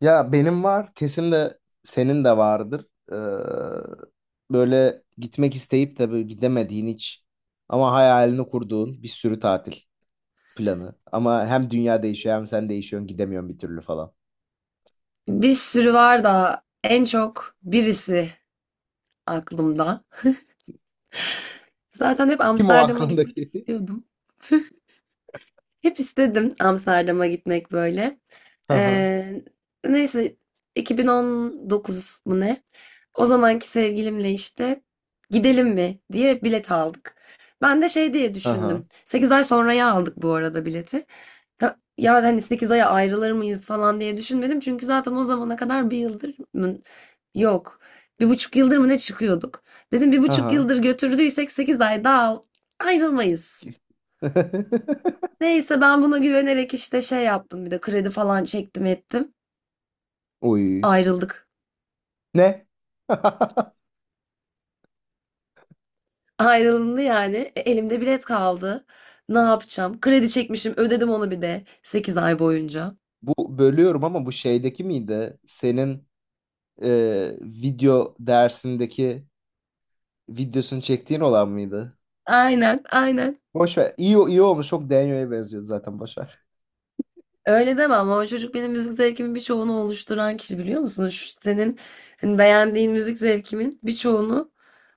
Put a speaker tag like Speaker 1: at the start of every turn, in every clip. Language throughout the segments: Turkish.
Speaker 1: Ya benim var, kesin de senin de vardır. Ee, böyle gitmek isteyip de böyle gidemediğin hiç ama hayalini kurduğun bir sürü tatil planı. Ama hem dünya değişiyor hem sen değişiyorsun gidemiyorsun bir türlü falan.
Speaker 2: Bir sürü var da en çok birisi aklımda. Zaten hep
Speaker 1: Kim o
Speaker 2: Amsterdam'a gitmek
Speaker 1: aklındaki?
Speaker 2: istiyordum. Hep istedim Amsterdam'a gitmek böyle.
Speaker 1: Hı hı.
Speaker 2: Ee, neyse 2019 mu ne? O zamanki sevgilimle işte gidelim mi diye bilet aldık. Ben de şey diye
Speaker 1: Hı hı.
Speaker 2: düşündüm. 8 ay sonraya aldık bu arada bileti. Ya hani sekiz aya ayrılır mıyız falan diye düşünmedim. Çünkü zaten o zamana kadar bir yıldır mı? Yok. Bir buçuk yıldır mı ne çıkıyorduk? Dedim bir
Speaker 1: Hı
Speaker 2: buçuk
Speaker 1: hı.
Speaker 2: yıldır götürdüysek 8 ay daha ayrılmayız. Neyse ben buna güvenerek işte şey yaptım bir de kredi falan çektim ettim.
Speaker 1: Uy.
Speaker 2: Ayrıldık.
Speaker 1: Ne?
Speaker 2: Ayrılındı yani. E, elimde bilet kaldı. Ne yapacağım? Kredi çekmişim ödedim onu bir de 8 ay boyunca.
Speaker 1: Bu bölüyorum ama bu şeydeki miydi? Senin video dersindeki videosunu çektiğin olan mıydı?
Speaker 2: Aynen aynen.
Speaker 1: Boş ver. İyi, iyi olmuş. Çok Daniel'e benziyor zaten. Boş ver.
Speaker 2: Öyle demem ama o çocuk benim müzik zevkimin birçoğunu oluşturan kişi biliyor musunuz? Şu senin hani beğendiğin müzik zevkimin birçoğunu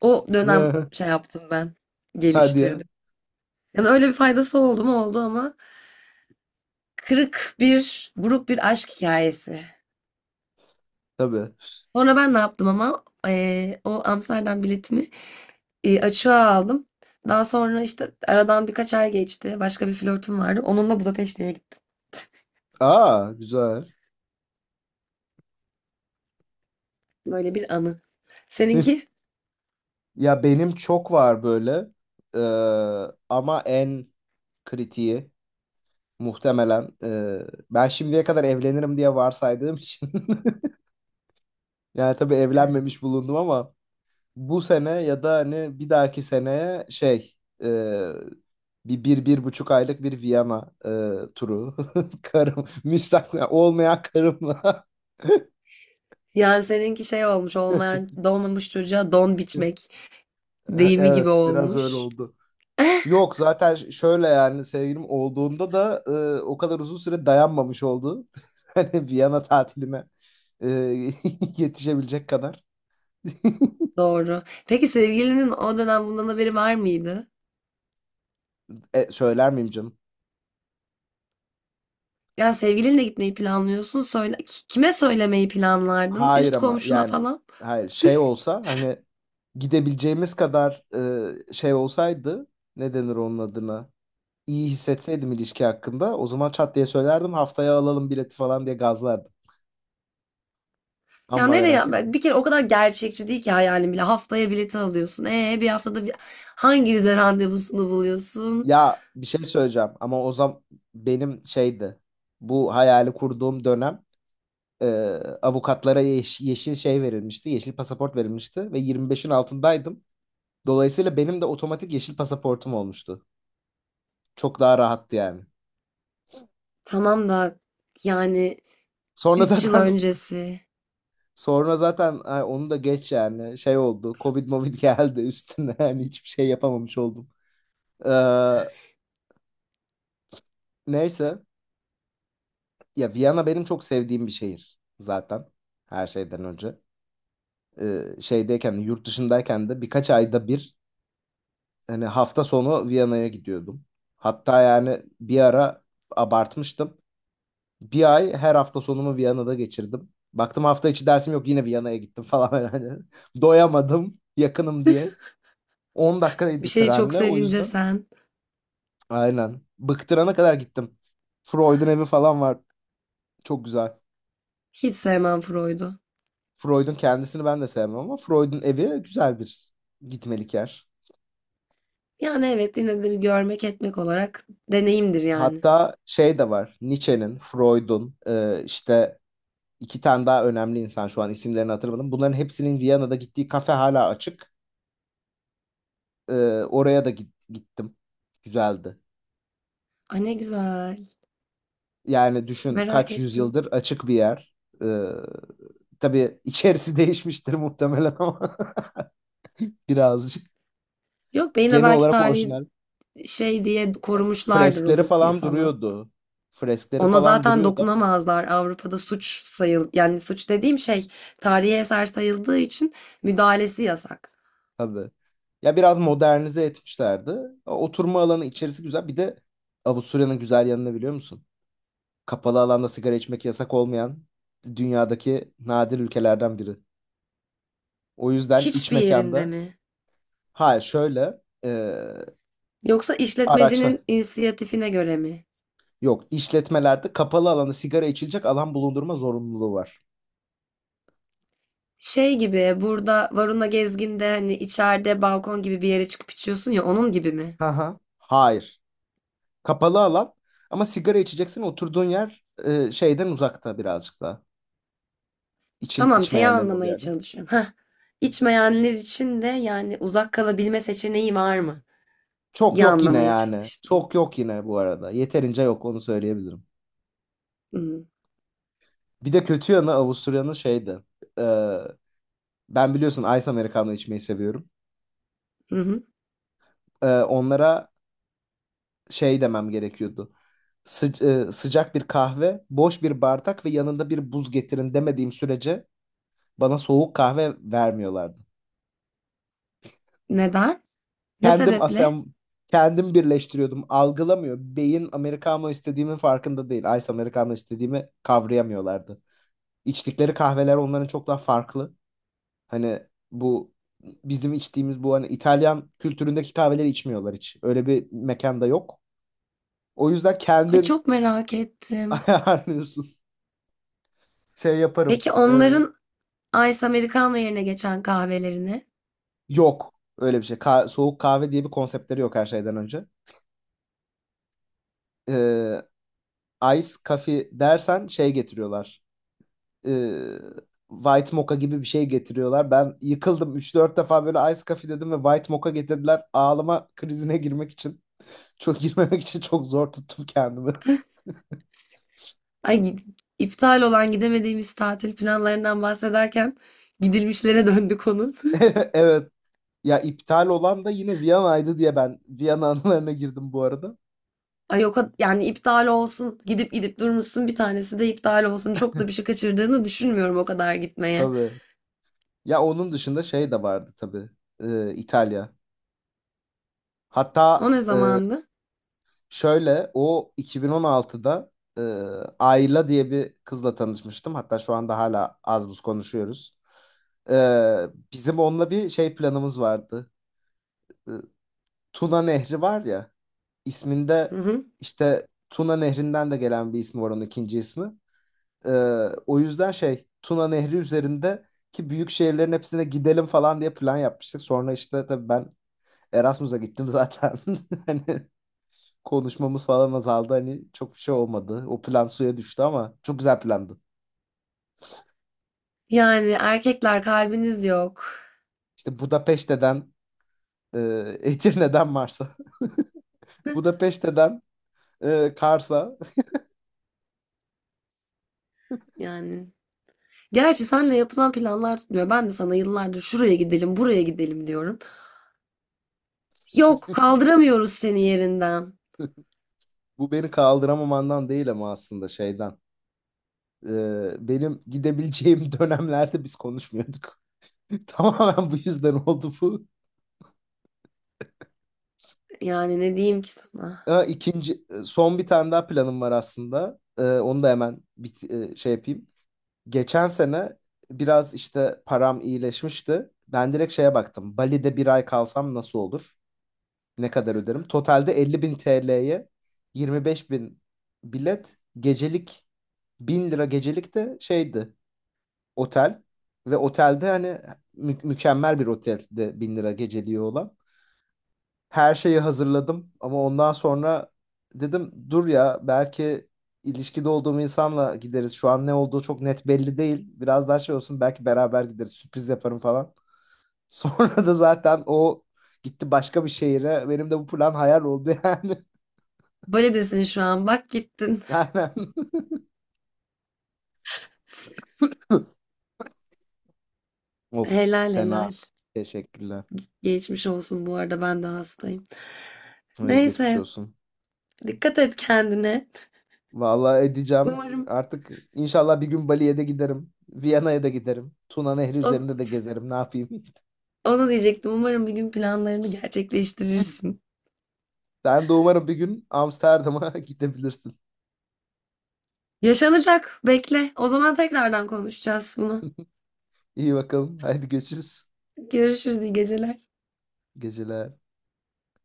Speaker 2: o dönem şey yaptım ben.
Speaker 1: Hadi ya.
Speaker 2: Geliştirdim. Yani öyle bir faydası oldu mu oldu ama kırık bir buruk bir aşk hikayesi.
Speaker 1: Tabii.
Speaker 2: Sonra ben ne yaptım ama o Amsterdam biletimi açığa aldım. Daha sonra işte aradan birkaç ay geçti. Başka bir flörtüm vardı. Onunla Budapeşte'ye gittim.
Speaker 1: Aa güzel.
Speaker 2: Böyle bir anı. Seninki?
Speaker 1: Ya benim çok var böyle. Ee, ama en kritiği muhtemelen ben şimdiye kadar evlenirim diye varsaydığım için yani tabii evlenmemiş bulundum ama bu sene ya da hani bir dahaki seneye şey e, bir buçuk aylık bir Viyana turu karım müstakil olmayan karımla
Speaker 2: Yani seninki şey olmuş olmayan doğmamış çocuğa don biçmek deyimi gibi
Speaker 1: Evet, biraz öyle
Speaker 2: olmuş.
Speaker 1: oldu. Yok zaten şöyle yani sevgilim olduğunda da o kadar uzun süre dayanmamış oldu. Hani Viyana tatiline e, yetişebilecek kadar.
Speaker 2: Doğru. Peki sevgilinin o dönem bundan haberi var mıydı?
Speaker 1: Söyler miyim canım?
Speaker 2: Ya sevgilinle gitmeyi planlıyorsun. Söyle, kime söylemeyi planlardın?
Speaker 1: Hayır
Speaker 2: Üst
Speaker 1: ama
Speaker 2: komşuna
Speaker 1: yani
Speaker 2: falan?
Speaker 1: hayır şey olsa hani gidebileceğimiz kadar şey olsaydı ne denir onun adına? İyi hissetseydim ilişki hakkında o zaman çat diye söylerdim haftaya alalım bileti falan diye gazlardım.
Speaker 2: Ya
Speaker 1: Ama ve
Speaker 2: nereye?
Speaker 1: lakin.
Speaker 2: Bir kere o kadar gerçekçi değil ki hayalin bile. Haftaya bileti alıyorsun. Bir haftada bir hangi vize randevusunu buluyorsun?
Speaker 1: Ya bir şey söyleyeceğim ama o zaman benim şeydi. Bu hayali kurduğum dönem, e, avukatlara yeşil şey verilmişti. Yeşil pasaport verilmişti ve 25'in altındaydım. Dolayısıyla benim de otomatik yeşil pasaportum olmuştu. Çok daha rahattı yani.
Speaker 2: Tamam da yani
Speaker 1: Sonra
Speaker 2: 3 yıl
Speaker 1: zaten
Speaker 2: öncesi.
Speaker 1: sonra zaten ay, onu da geç yani şey oldu. Covid movid geldi üstüne yani hiçbir şey yapamamış oldum. Ee, neyse ya Viyana benim çok sevdiğim bir şehir zaten her şeyden önce. Şeydeyken de, yurt dışındayken de birkaç ayda bir hani hafta sonu Viyana'ya gidiyordum. Hatta yani bir ara abartmıştım. Bir ay her hafta sonumu Viyana'da geçirdim. Baktım hafta içi dersim yok yine Viyana'ya gittim falan hani. Doyamadım yakınım diye. 10
Speaker 2: Bir
Speaker 1: dakikaydı
Speaker 2: şeyi çok
Speaker 1: trenle o
Speaker 2: sevince
Speaker 1: yüzden.
Speaker 2: sen.
Speaker 1: Aynen. Bıktırana kadar gittim. Freud'un evi falan var. Çok güzel.
Speaker 2: Hiç sevmem Freud'u.
Speaker 1: Freud'un kendisini ben de sevmem ama Freud'un evi güzel bir gitmelik yer.
Speaker 2: Yani evet yine de bir görmek etmek olarak deneyimdir yani.
Speaker 1: Hatta şey de var. Nietzsche'nin, Freud'un işte iki tane daha önemli insan şu an isimlerini hatırlamadım. Bunların hepsinin Viyana'da gittiği kafe hala açık. E, oraya da gittim. Güzeldi.
Speaker 2: Ay ne güzel.
Speaker 1: Yani düşün
Speaker 2: Merak
Speaker 1: kaç
Speaker 2: ettim.
Speaker 1: yüzyıldır açık bir yer. E, tabii içerisi değişmiştir muhtemelen ama birazcık.
Speaker 2: Yok be yine
Speaker 1: Genel
Speaker 2: belki
Speaker 1: olarak
Speaker 2: tarihi
Speaker 1: orijinal.
Speaker 2: şey diye
Speaker 1: Ya,
Speaker 2: korumuşlardır o
Speaker 1: freskleri
Speaker 2: dokuyu
Speaker 1: falan
Speaker 2: falan.
Speaker 1: duruyordu. Freskleri
Speaker 2: Ona
Speaker 1: falan
Speaker 2: zaten
Speaker 1: duruyordu.
Speaker 2: dokunamazlar. Avrupa'da suç sayıl, yani suç dediğim şey tarihi eser sayıldığı için müdahalesi yasak.
Speaker 1: Tabii. Ya biraz modernize etmişlerdi. O oturma alanı içerisi güzel. Bir de Avusturya'nın güzel yanını biliyor musun? Kapalı alanda sigara içmek yasak olmayan dünyadaki nadir ülkelerden biri. O yüzden iç
Speaker 2: Hiçbir yerinde
Speaker 1: mekanda
Speaker 2: mi?
Speaker 1: hayır şöyle
Speaker 2: Yoksa
Speaker 1: araçla
Speaker 2: işletmecinin inisiyatifine göre mi?
Speaker 1: yok işletmelerde kapalı alanda sigara içilecek alan bulundurma zorunluluğu var.
Speaker 2: Şey gibi burada Varuna Gezgin'de hani içeride balkon gibi bir yere çıkıp içiyorsun ya onun gibi mi?
Speaker 1: Ha ha. Hayır. Kapalı alan ama sigara içeceksin oturduğun yer şeyden uzakta birazcık da.
Speaker 2: Tamam şeyi
Speaker 1: İçmeyenlerin olduğu
Speaker 2: anlamaya
Speaker 1: yerde.
Speaker 2: çalışıyorum. Heh. İçmeyenler için de yani uzak kalabilme seçeneği var mı?
Speaker 1: Çok
Speaker 2: İyi
Speaker 1: yok yine
Speaker 2: anlamaya
Speaker 1: yani.
Speaker 2: çalıştım.
Speaker 1: Çok yok yine bu arada. Yeterince yok onu söyleyebilirim.
Speaker 2: Hı
Speaker 1: Bir de kötü yanı Avusturya'nın şeydi. Ee, ben biliyorsun Ice Americano içmeyi seviyorum.
Speaker 2: hı.
Speaker 1: Onlara şey demem gerekiyordu. Sıcak bir kahve, boş bir bardak ve yanında bir buz getirin demediğim sürece bana soğuk kahve vermiyorlardı.
Speaker 2: Neden? Ne
Speaker 1: Kendim
Speaker 2: sebeple?
Speaker 1: asem kendim birleştiriyordum. Algılamıyor. Beyin Americano istediğimin farkında değil. Ice Americano istediğimi kavrayamıyorlardı. İçtikleri kahveler onların çok daha farklı. Hani bu bizim içtiğimiz bu hani İtalyan kültüründeki kahveleri içmiyorlar hiç. Öyle bir mekanda yok. O yüzden
Speaker 2: Ay
Speaker 1: kendin
Speaker 2: çok merak ettim.
Speaker 1: ayarlıyorsun. Şey yaparım.
Speaker 2: Peki onların Ice Americano yerine geçen kahvelerini,
Speaker 1: Yok öyle bir şey. Soğuk kahve diye bir konseptleri yok her şeyden önce. Ee, ice coffee dersen şey getiriyorlar. Ee, White mocha gibi bir şey getiriyorlar. Ben yıkıldım. Üç dört defa böyle ice coffee dedim ve white mocha getirdiler. Ağlama krizine girmek için. Çok girmemek için çok zor tuttum kendimi.
Speaker 2: ay iptal olan gidemediğimiz tatil planlarından bahsederken gidilmişlere döndü konu.
Speaker 1: Evet. Ya iptal olan da yine Viyana'ydı diye ben Viyana anılarına girdim bu arada.
Speaker 2: Ay yok yani iptal olsun gidip gidip durmuşsun bir tanesi de iptal olsun çok da bir şey kaçırdığını düşünmüyorum o kadar gitmeye.
Speaker 1: Tabii. Ya onun dışında şey de vardı tabii. İtalya. Hatta
Speaker 2: O ne
Speaker 1: e,
Speaker 2: zamandı?
Speaker 1: şöyle o 2016'da e, Ayla diye bir kızla tanışmıştım. Hatta şu anda hala az buz konuşuyoruz. Ee, bizim onunla bir şey planımız vardı. Ee, Tuna Nehri var ya.
Speaker 2: Hı
Speaker 1: İsminde
Speaker 2: hı.
Speaker 1: işte Tuna Nehri'nden de gelen bir ismi var onun ikinci ismi. Ee, o yüzden şey Tuna Nehri üzerindeki büyük şehirlerin hepsine gidelim falan diye plan yapmıştık. Sonra işte tabii ben Erasmus'a gittim zaten. Hani konuşmamız falan azaldı. Hani çok bir şey olmadı. O plan suya düştü ama çok güzel plandı.
Speaker 2: Yani erkekler kalbiniz yok.
Speaker 1: İşte Budapeşte'den e, Edirne'den Mars'a. Budapeşte'den Kars'a.
Speaker 2: Yani gerçi senle yapılan planlar tutmuyor. Ben de sana yıllardır şuraya gidelim buraya gidelim diyorum. Yok kaldıramıyoruz seni yerinden.
Speaker 1: Bu beni kaldıramamandan değil ama aslında şeyden. Benim gidebileceğim dönemlerde biz konuşmuyorduk. Tamamen bu yüzden oldu bu.
Speaker 2: Yani ne diyeyim ki sana.
Speaker 1: Ha, ikinci son bir tane daha planım var aslında. Onu da hemen şey yapayım. Geçen sene biraz işte param iyileşmişti. Ben direkt şeye baktım. Bali'de bir ay kalsam nasıl olur? Ne kadar öderim? Totalde 50 bin TL'ye, 25 bin bilet, gecelik 1000 lira gecelik de şeydi. Otel ve otelde hani mükemmel bir otelde bin lira geceliği olan. Her şeyi hazırladım ama ondan sonra dedim dur ya belki ilişkide olduğum insanla gideriz. Şu an ne olduğu çok net belli değil. Biraz daha şey olsun belki beraber gideriz sürpriz yaparım falan. Sonra da zaten o gitti başka bir şehire. Benim de bu plan hayal oldu yani.
Speaker 2: Böyle desin şu an bak gittin.
Speaker 1: Aynen. Of
Speaker 2: Helal
Speaker 1: fena.
Speaker 2: helal.
Speaker 1: Teşekkürler.
Speaker 2: Geçmiş olsun bu arada ben de hastayım.
Speaker 1: İyi geçmiş
Speaker 2: Neyse
Speaker 1: olsun.
Speaker 2: dikkat et kendine.
Speaker 1: Vallahi edeceğim.
Speaker 2: Umarım
Speaker 1: Artık inşallah bir gün Bali'ye de giderim. Viyana'ya da giderim. Tuna Nehri
Speaker 2: o-
Speaker 1: üzerinde de gezerim. Ne yapayım?
Speaker 2: onu diyecektim. Umarım bir gün planlarını gerçekleştirirsin.
Speaker 1: Sen de umarım bir gün Amsterdam'a gidebilirsin.
Speaker 2: Yaşanacak bekle. O zaman tekrardan konuşacağız bunu.
Speaker 1: İyi bakalım. Haydi görüşürüz.
Speaker 2: Görüşürüz iyi geceler.
Speaker 1: Geceler.